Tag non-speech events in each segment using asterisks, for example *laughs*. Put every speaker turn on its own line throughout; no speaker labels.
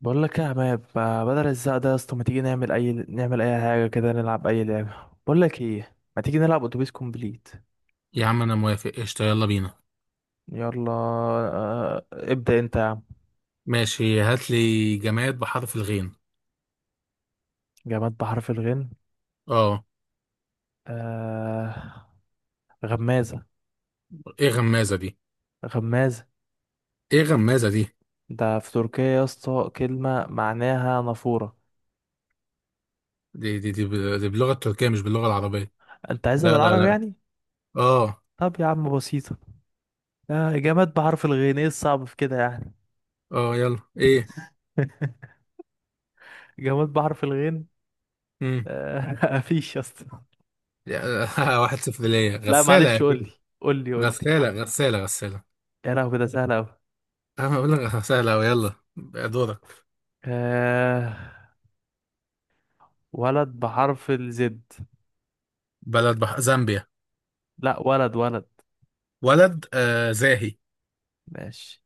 بقول لك إيه يا عماد؟ ما بدل الزق ده يا اسطى، ما تيجي نعمل اي حاجه كده، نلعب اي لعبه. بقول لك ايه، ما تيجي نلعب اتوبيس كومبليت.
يا عم انا موافق، قشطة، يلا بينا.
يلا. ابدا انت يا عم.
ماشي، هات لي جماد بحرف الغين.
جماد بحرف الغين.
اه.
آه... غمازه.
ايه غمازة دي؟
غمازه.
ايه غمازة دي؟
ده في تركيا يا اسطى كلمه معناها نافوره.
دي باللغة التركية مش باللغة العربية.
انت عايزها
لا لا
بالعربي
لا.
يعني؟
اه.
طب يا عم بسيطه. جماد بحرف الغين، ايه الصعب في كده يعني؟
اه، يلا ايه؟
*laughs* جماد بحرف الغين.
امم
*laughs* مفيش يا اسطى.
*laughs* 1-0 ليا،
لا
غسالة يا
معلش، قول
بيه.
لي، قول لي، قول لي.
غسالة، غسالة، غسالة.
يا لهوي، ده سهل أوي.
انا بقول لك غسالة، ويلا دورك.
آه... ولد بحرف الزد.
بلد زامبيا.
لا، ولد، ولد.
ولد، زاهي.
ماشي.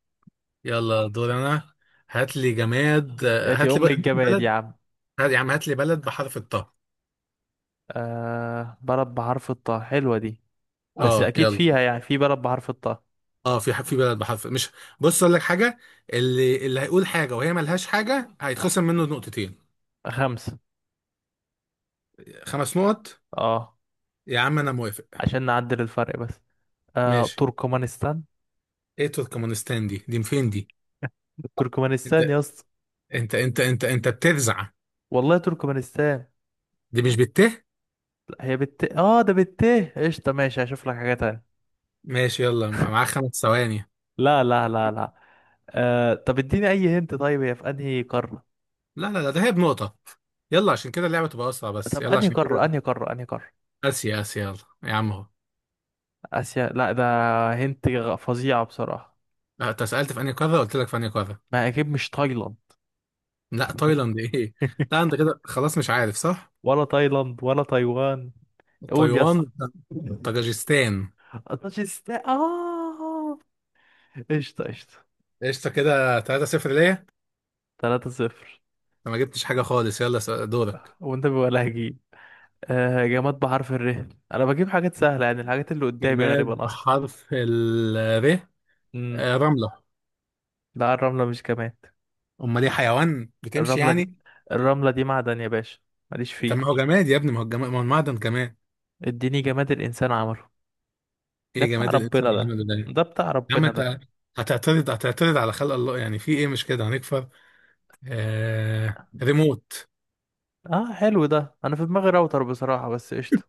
يلا دور انا. هات لي جماد، آه،
ياتي
هات لي ب-
أم
هات لي
الجماد يا
بلد،
عم.
يا عم هات لي بلد بحرف الطاء.
بلد بحرف الطاء، حلوة دي. بس
اه
أكيد
يلا.
فيها، يعني في بلد بحرف الطاء.
اه، في بلد بحرف، مش... بص اقول لك حاجه، اللي هيقول حاجه وهي ملهاش حاجه هيتخصم منه نقطتين.
خمسة.
5 نقط.
اه،
يا عم انا موافق.
عشان نعدل الفرق بس.
ماشي.
تركمانستان.
ايه تركمانستان دي؟ فين دي؟ انت
تركمانستان يا اسطى.
انت بترزع.
والله تركمانستان.
دي مش بته.
لا، هي بالت، ده بالت. قشطة ماشي، هشوف لك حاجة تانية.
ماشي، يلا معاك 5 ثواني.
لا، لا، لا، لا. طب اديني أي هنت، طيب هي في أنهي قارة؟
لا لا لا، ده هي بنقطه. يلا عشان كده اللعبه تبقى اسرع بس،
طب
يلا
أنهي
عشان كده.
قارة، أنهي قارة، أنهي قارة؟
اسيا يلا. يا عم اهو.
آسيا، لا ده. هنت فظيعة بصراحة.
لا، انت سالت في انهي قاره، قلت لك في انهي قاره.
ما أكيد مش تايلاند.
لا
*laughs*
تايلاند ايه! لا انت كده خلاص مش عارف صح.
ولا تايلاند ولا تايوان. قول يا
تايوان.
اسطى.
طاجيكستان.
طاجستا قشطة، قشطة.
قشطة، كده 3-0 ليا.
3 صفر.
أنا ما جبتش حاجة خالص، يلا دورك.
وأنت بيبقى لهجي. جماد بحرف الر. أنا بجيب حاجات سهلة، يعني الحاجات اللي قدامي
جماد
غالبا أصلا.
حرف ال... ر.
امم.
رملة.
لا الرملة مش جماد.
أمال إيه، حيوان بتمشي
الرملة دي
يعني؟
الرملة دي معدن يا باشا. ماليش
طب ما هو
فيه.
جماد يا ابني، ما هو جماد، ما هو المعدن كمان.
اديني جماد الإنسان عمله. ده
إيه
بتاع
جماد الإنسان
ربنا
اللي
ده،
عمله ده!
ده بتاع
يا عم
ربنا ده.
أنت! هتعترض على خلق الله يعني، في إيه، مش كده هنكفر. ريموت.
اه حلو ده، انا في دماغي راوتر بصراحة، بس قشطة.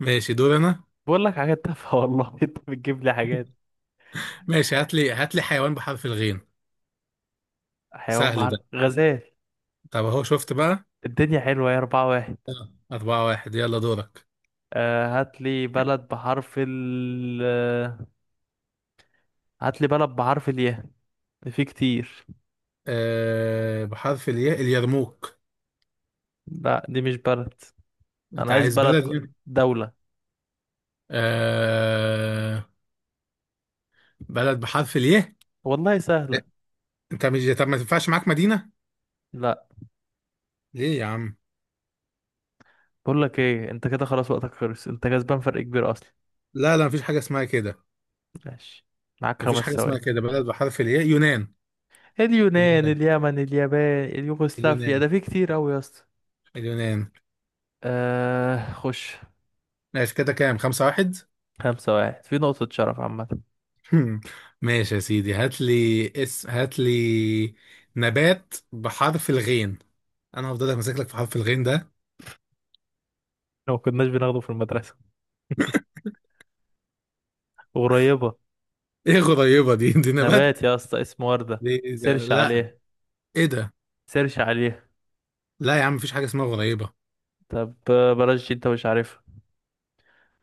ماشي دور أنا.
بقول لك حاجات تافهة والله. *laughs* انت بتجيب لي حاجات.
ماشي، هات لي حيوان بحرف الغين.
حيوان
سهل ده.
بحر غزال.
طب أهو، شفت بقى؟
الدنيا حلوة، يا 4-1.
آه، 4-1، يلا دورك.
آه هات لي بلد بحرف ال آه، هات لي بلد بحرف الياء. في كتير.
بحرف الياء، اليرموك.
لا دي مش بلد.
انت
انا عايز
عايز
بلد
بلد ايه؟
دولة.
آه... بلد بحرف اليه.
والله سهلة.
انت مش... طب ما تنفعش معاك مدينة.
لا.
ليه يا عم؟
بقول لك ايه، انت كده خلاص، وقتك خلص، انت كسبان فرق كبير اصلا.
لا لا، مفيش حاجة اسمها كده.
ماشي. معاك
مفيش
خمس
حاجة اسمها
ثواني
كده، بلد بحرف الياء، يونان.
اليونان،
اليونان،
اليمن، اليابان، اليوغوسلافيا،
اليونان،
ده في كتير قوي يا اسطى.
اليونان.
خش.
ماشي كده كام؟ 5-1. *laughs*
5-1، في نقطة شرف عامة.
هم. ماشي يا سيدي، هات لي نبات بحرف الغين. انا هفضل ماسك لك في حرف الغين ده.
لو ما كناش بناخده في المدرسة. قريبة.
*laughs* ايه غريبة دي؟ نبات؟
نبات يا اسطى اسمه وردة.
دي ده.
سيرش
لا.
عليه،
ايه ده؟
سيرش عليه.
لا يا عم، مفيش حاجة اسمها غريبة.
طب بلاش دي، انت مش عارفها.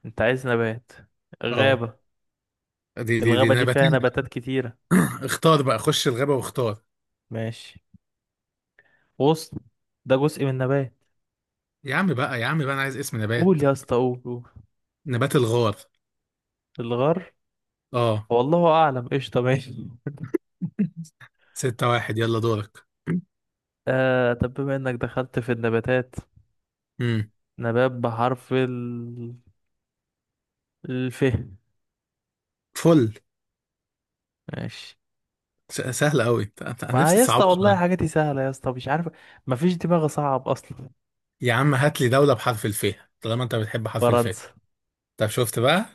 انت عايز نبات؟
اه.
غابة.
دي
الغابة دي فيها
نباتات.
نباتات كتيرة.
اختار بقى، خش الغابة واختار.
ماشي. غصن. ده جزء من النبات.
يا عم بقى انا عايز اسم نبات.
قول يا اسطى، قول، قول.
نبات الغار.
الغر.
اه.
والله أعلم. قشطة ماشي.
6-1، يلا دورك.
*laughs* طب بما انك دخلت في النباتات،
امم
نبات بحرف الف.
فل.
ماشي.
سهلة قوي، انا
ما
نفسي
يا اسطى
تصعبها
والله
شوية.
حاجاتي سهلة يا اسطى، مش عارف. ما فيش دماغ صعب أصلا.
يا عم هات لي دولة بحرف الف، طالما انت بتحب حرف الف.
فرنسا.
طب شفت بقى؟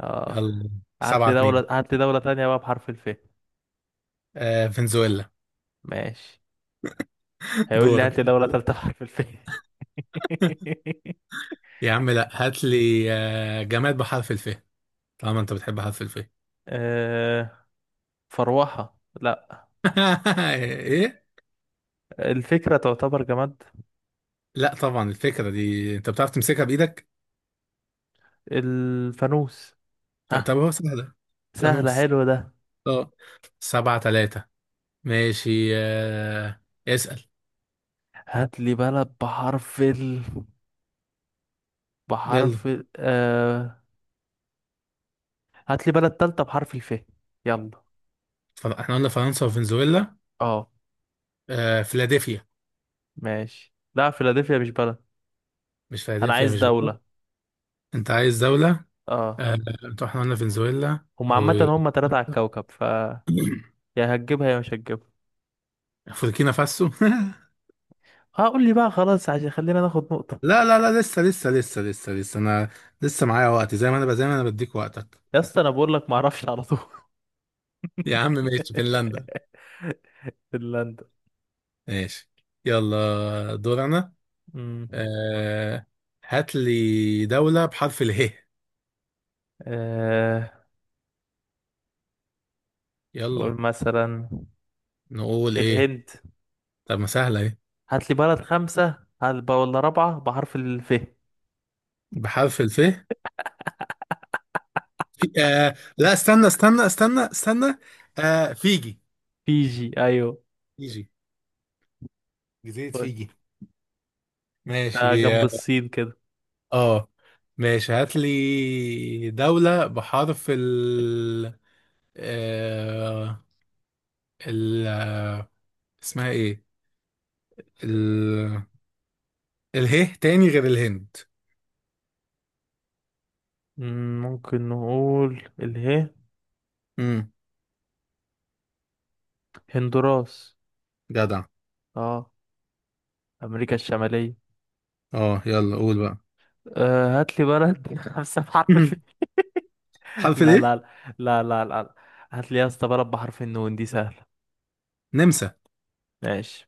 اه.
يلا.
هات
سبعة
لي
اتنين
دولة هات لي دولة تانية بقى بحرف الف.
فنزويلا.
ماشي.
*laughs*
هيقول لي هات
دورك.
لي دولة تالتة بحرف الف. *laughs*
يا عم لا، هات لي جماد بحرف الف، طالما انت بتحب حرف الف. *laughs*
آه فروحة، لا.
ايه؟
الفكرة تعتبر جماد.
لا طبعا، الفكرة دي انت بتعرف تمسكها بايدك؟
الفانوس.
طب
ها.
هو سهلة.
سهلة،
فانوس.
حلو ده.
اه، 7-3. ماشي. اسأل.
هات لي بلد بحرف ال
يلا.
بحرف ال... آه هات لي بلد تالتة بحرف الف. يلا.
احنا قلنا فرنسا وفنزويلا.
اه.
فيلادلفيا.
ماشي. لا فيلادلفيا مش بلد.
مش،
انا
فيلادلفيا
عايز
مش بلد.
دولة.
انت عايز دولة.
اه.
آه. انت احنا قلنا فنزويلا
هم عامة، هم تلاتة على الكوكب. يا هتجيبها يا مش هتجيبها.
وبوركينا فاسو. *laughs*
اه قول لي بقى خلاص، عشان خلينا ناخد نقطة.
لا لا لا، لسه لسه لسه لسه لسه انا لسه معايا وقت، زي ما انا زي ما انا بديك وقتك.
يا اسطى انا بقول لك ما اعرفش على طول.
يا عم ماشي، فنلندا.
*laughs* فنلندا.
ماشي يلا دور انا.
امم.
آه. هات لي دولة بحرف اله.
آه
يلا.
نقول مثلا
نقول ايه؟
الهند.
طب ما سهله، ايه؟
هات لي بلد خمسة، هات بقى ولا رابعة بحرف الف.
بحرف الف. لا، استنى استنى استنى استنى. فيجي.
فيجي، ايوه.
فيجي، جزيره فيجي.
ده
ماشي
جنب
اه.
الصين كده.
آه. ماشي، هات لي دولة بحرف ال... آه... ال آه، اسمها ايه؟ ال... اله تاني غير الهند.
ممكن نقول اله.
امم
هندوراس.
جدع.
اه، امريكا الشمالية.
اه يلا قول بقى.
هات لي بلد *laughs* خمسة بحرف.
*laughs* حرف
لا،
الايه؟
لا، لا، لا، لا. هات لي يا اسطى بلد بحرف النون، دي سهلة.
نمسا.
ماشي.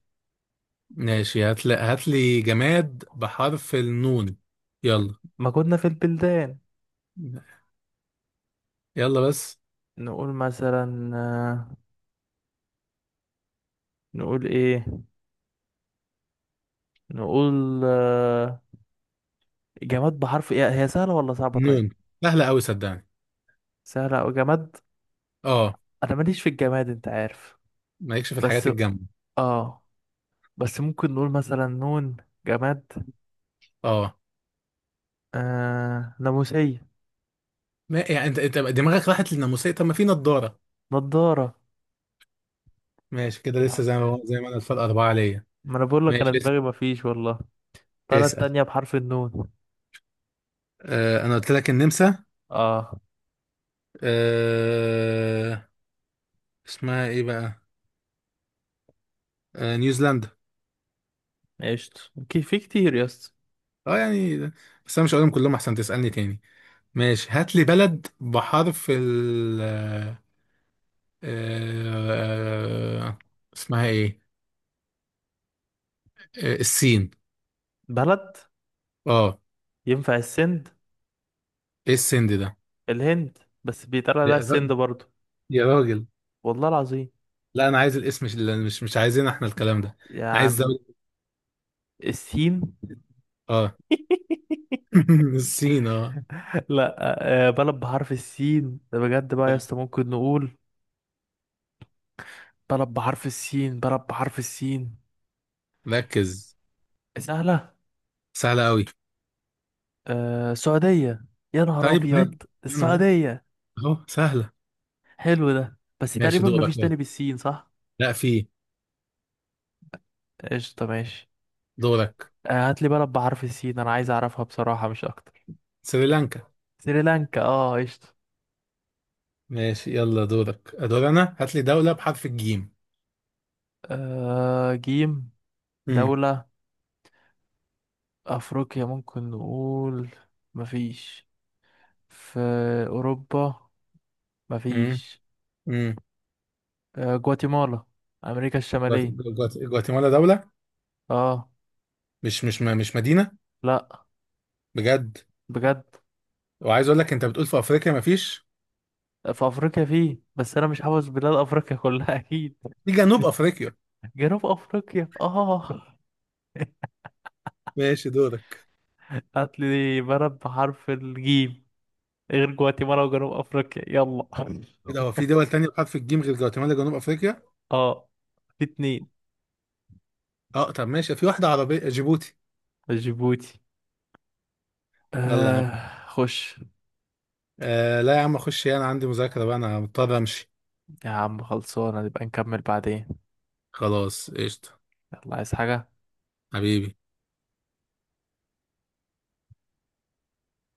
ماشي، هات لي جماد بحرف النون، يلا.
ما كنا في البلدان.
يلا بس.
نقول مثلا، نقول ايه، نقول، آه، جماد بحرف ايه، هي سهلة ولا صعبة؟ طيب.
نون. سهلة أوي صدقني.
سهلة او جماد.
اه.
انا ماليش في الجماد، انت عارف.
مالكش في الحاجات
بس
الجامدة.
اه بس ممكن نقول مثلا نون. جماد.
اه.
ناموسية.
ما يعني انت دماغك راحت للناموسية، طب ما في نضارة.
نضارة.
ماشي كده، لسه
ما
زي ما هو، زي ما انا الفرق أربعة ليا.
ما انا بقول لك انا
ماشي لسه.
دماغي مفيش والله. بلد
اسأل.
تانية بحرف النون.
انا قلت لك النمسا.
اه.
آه اسمها ايه بقى؟ نيوزيلندا.
قشطة اوكي، في كتير يا اسطى.
اه يعني، بس انا مش هقولهم كلهم احسن تسألني تاني. ماشي، هات لي بلد بحرف ال... آه، اسمها ايه؟ السين.
بلد.
اه.
ينفع السند.
ايه السند ده؟
الهند، بس بيتقال لها
يا را-
السند برضو.
يا راجل.
والله العظيم.
لا انا عايز الاسم، مش عايزين احنا الكلام ده.
يا
انا عايز
عم.
دولة.
السين.
اه. *laughs* السين اه.
*laughs* لا. بلد بحرف السين، ده بجد بقى يا
آه.
اسطى، ممكن نقول. بلد بحرف السين، بلد بحرف السين.
ركز.
سهلة.
سهلة قوي.
السعودية. يا نهار
طيب اهي.
أبيض.
انا اهي.
السعودية.
اهو سهلة.
حلو ده، بس
ماشي
تقريبا
دورك
مفيش
يلا.
تاني بالسين صح؟
لا، في.
قشطة ماشي.
دورك.
هات لي بلد بحرف السين، أنا عايز أعرفها بصراحة مش أكتر.
سريلانكا.
سريلانكا، اه قشطة.
ماشي يلا دورك، ادور انا، هات لي دولة بحرف الجيم.
جيم.
امم
دولة. أفريقيا ممكن نقول، مفيش. في أوروبا
امم
مفيش.
امم
جواتيمالا، أمريكا الشمالية.
جواتيمالا دولة؟
اه.
مش مدينة؟
لأ.
بجد؟
بجد.
وعايز اقول لك، انت بتقول في افريقيا مفيش.
في أفريقيا فيه، بس أنا مش حافظ بلاد أفريقيا كلها أكيد.
في جنوب افريقيا.
*laughs* جنوب أفريقيا، اه.
ماشي دورك.
*laughs* هاتلي بلد بحرف الجيم غير جواتيمالا وجنوب أفريقيا، يلا. *laughs*
ايه ده، هو في دول تانية بحرف الجيم غير جواتيمالا، جنوب افريقيا؟
اه، في اتنين.
اه طب ماشي، في واحدة عربية، جيبوتي.
جيبوتي.
يلا يا عم.
خش.
لا يا عم، اخش إيه، انا عندي مذاكرة بقى، انا مضطر امشي.
يا عم خلصانة، نبقى نكمل بعدين.
خلاص قشطة.
يلا، عايز حاجة؟
حبيبي.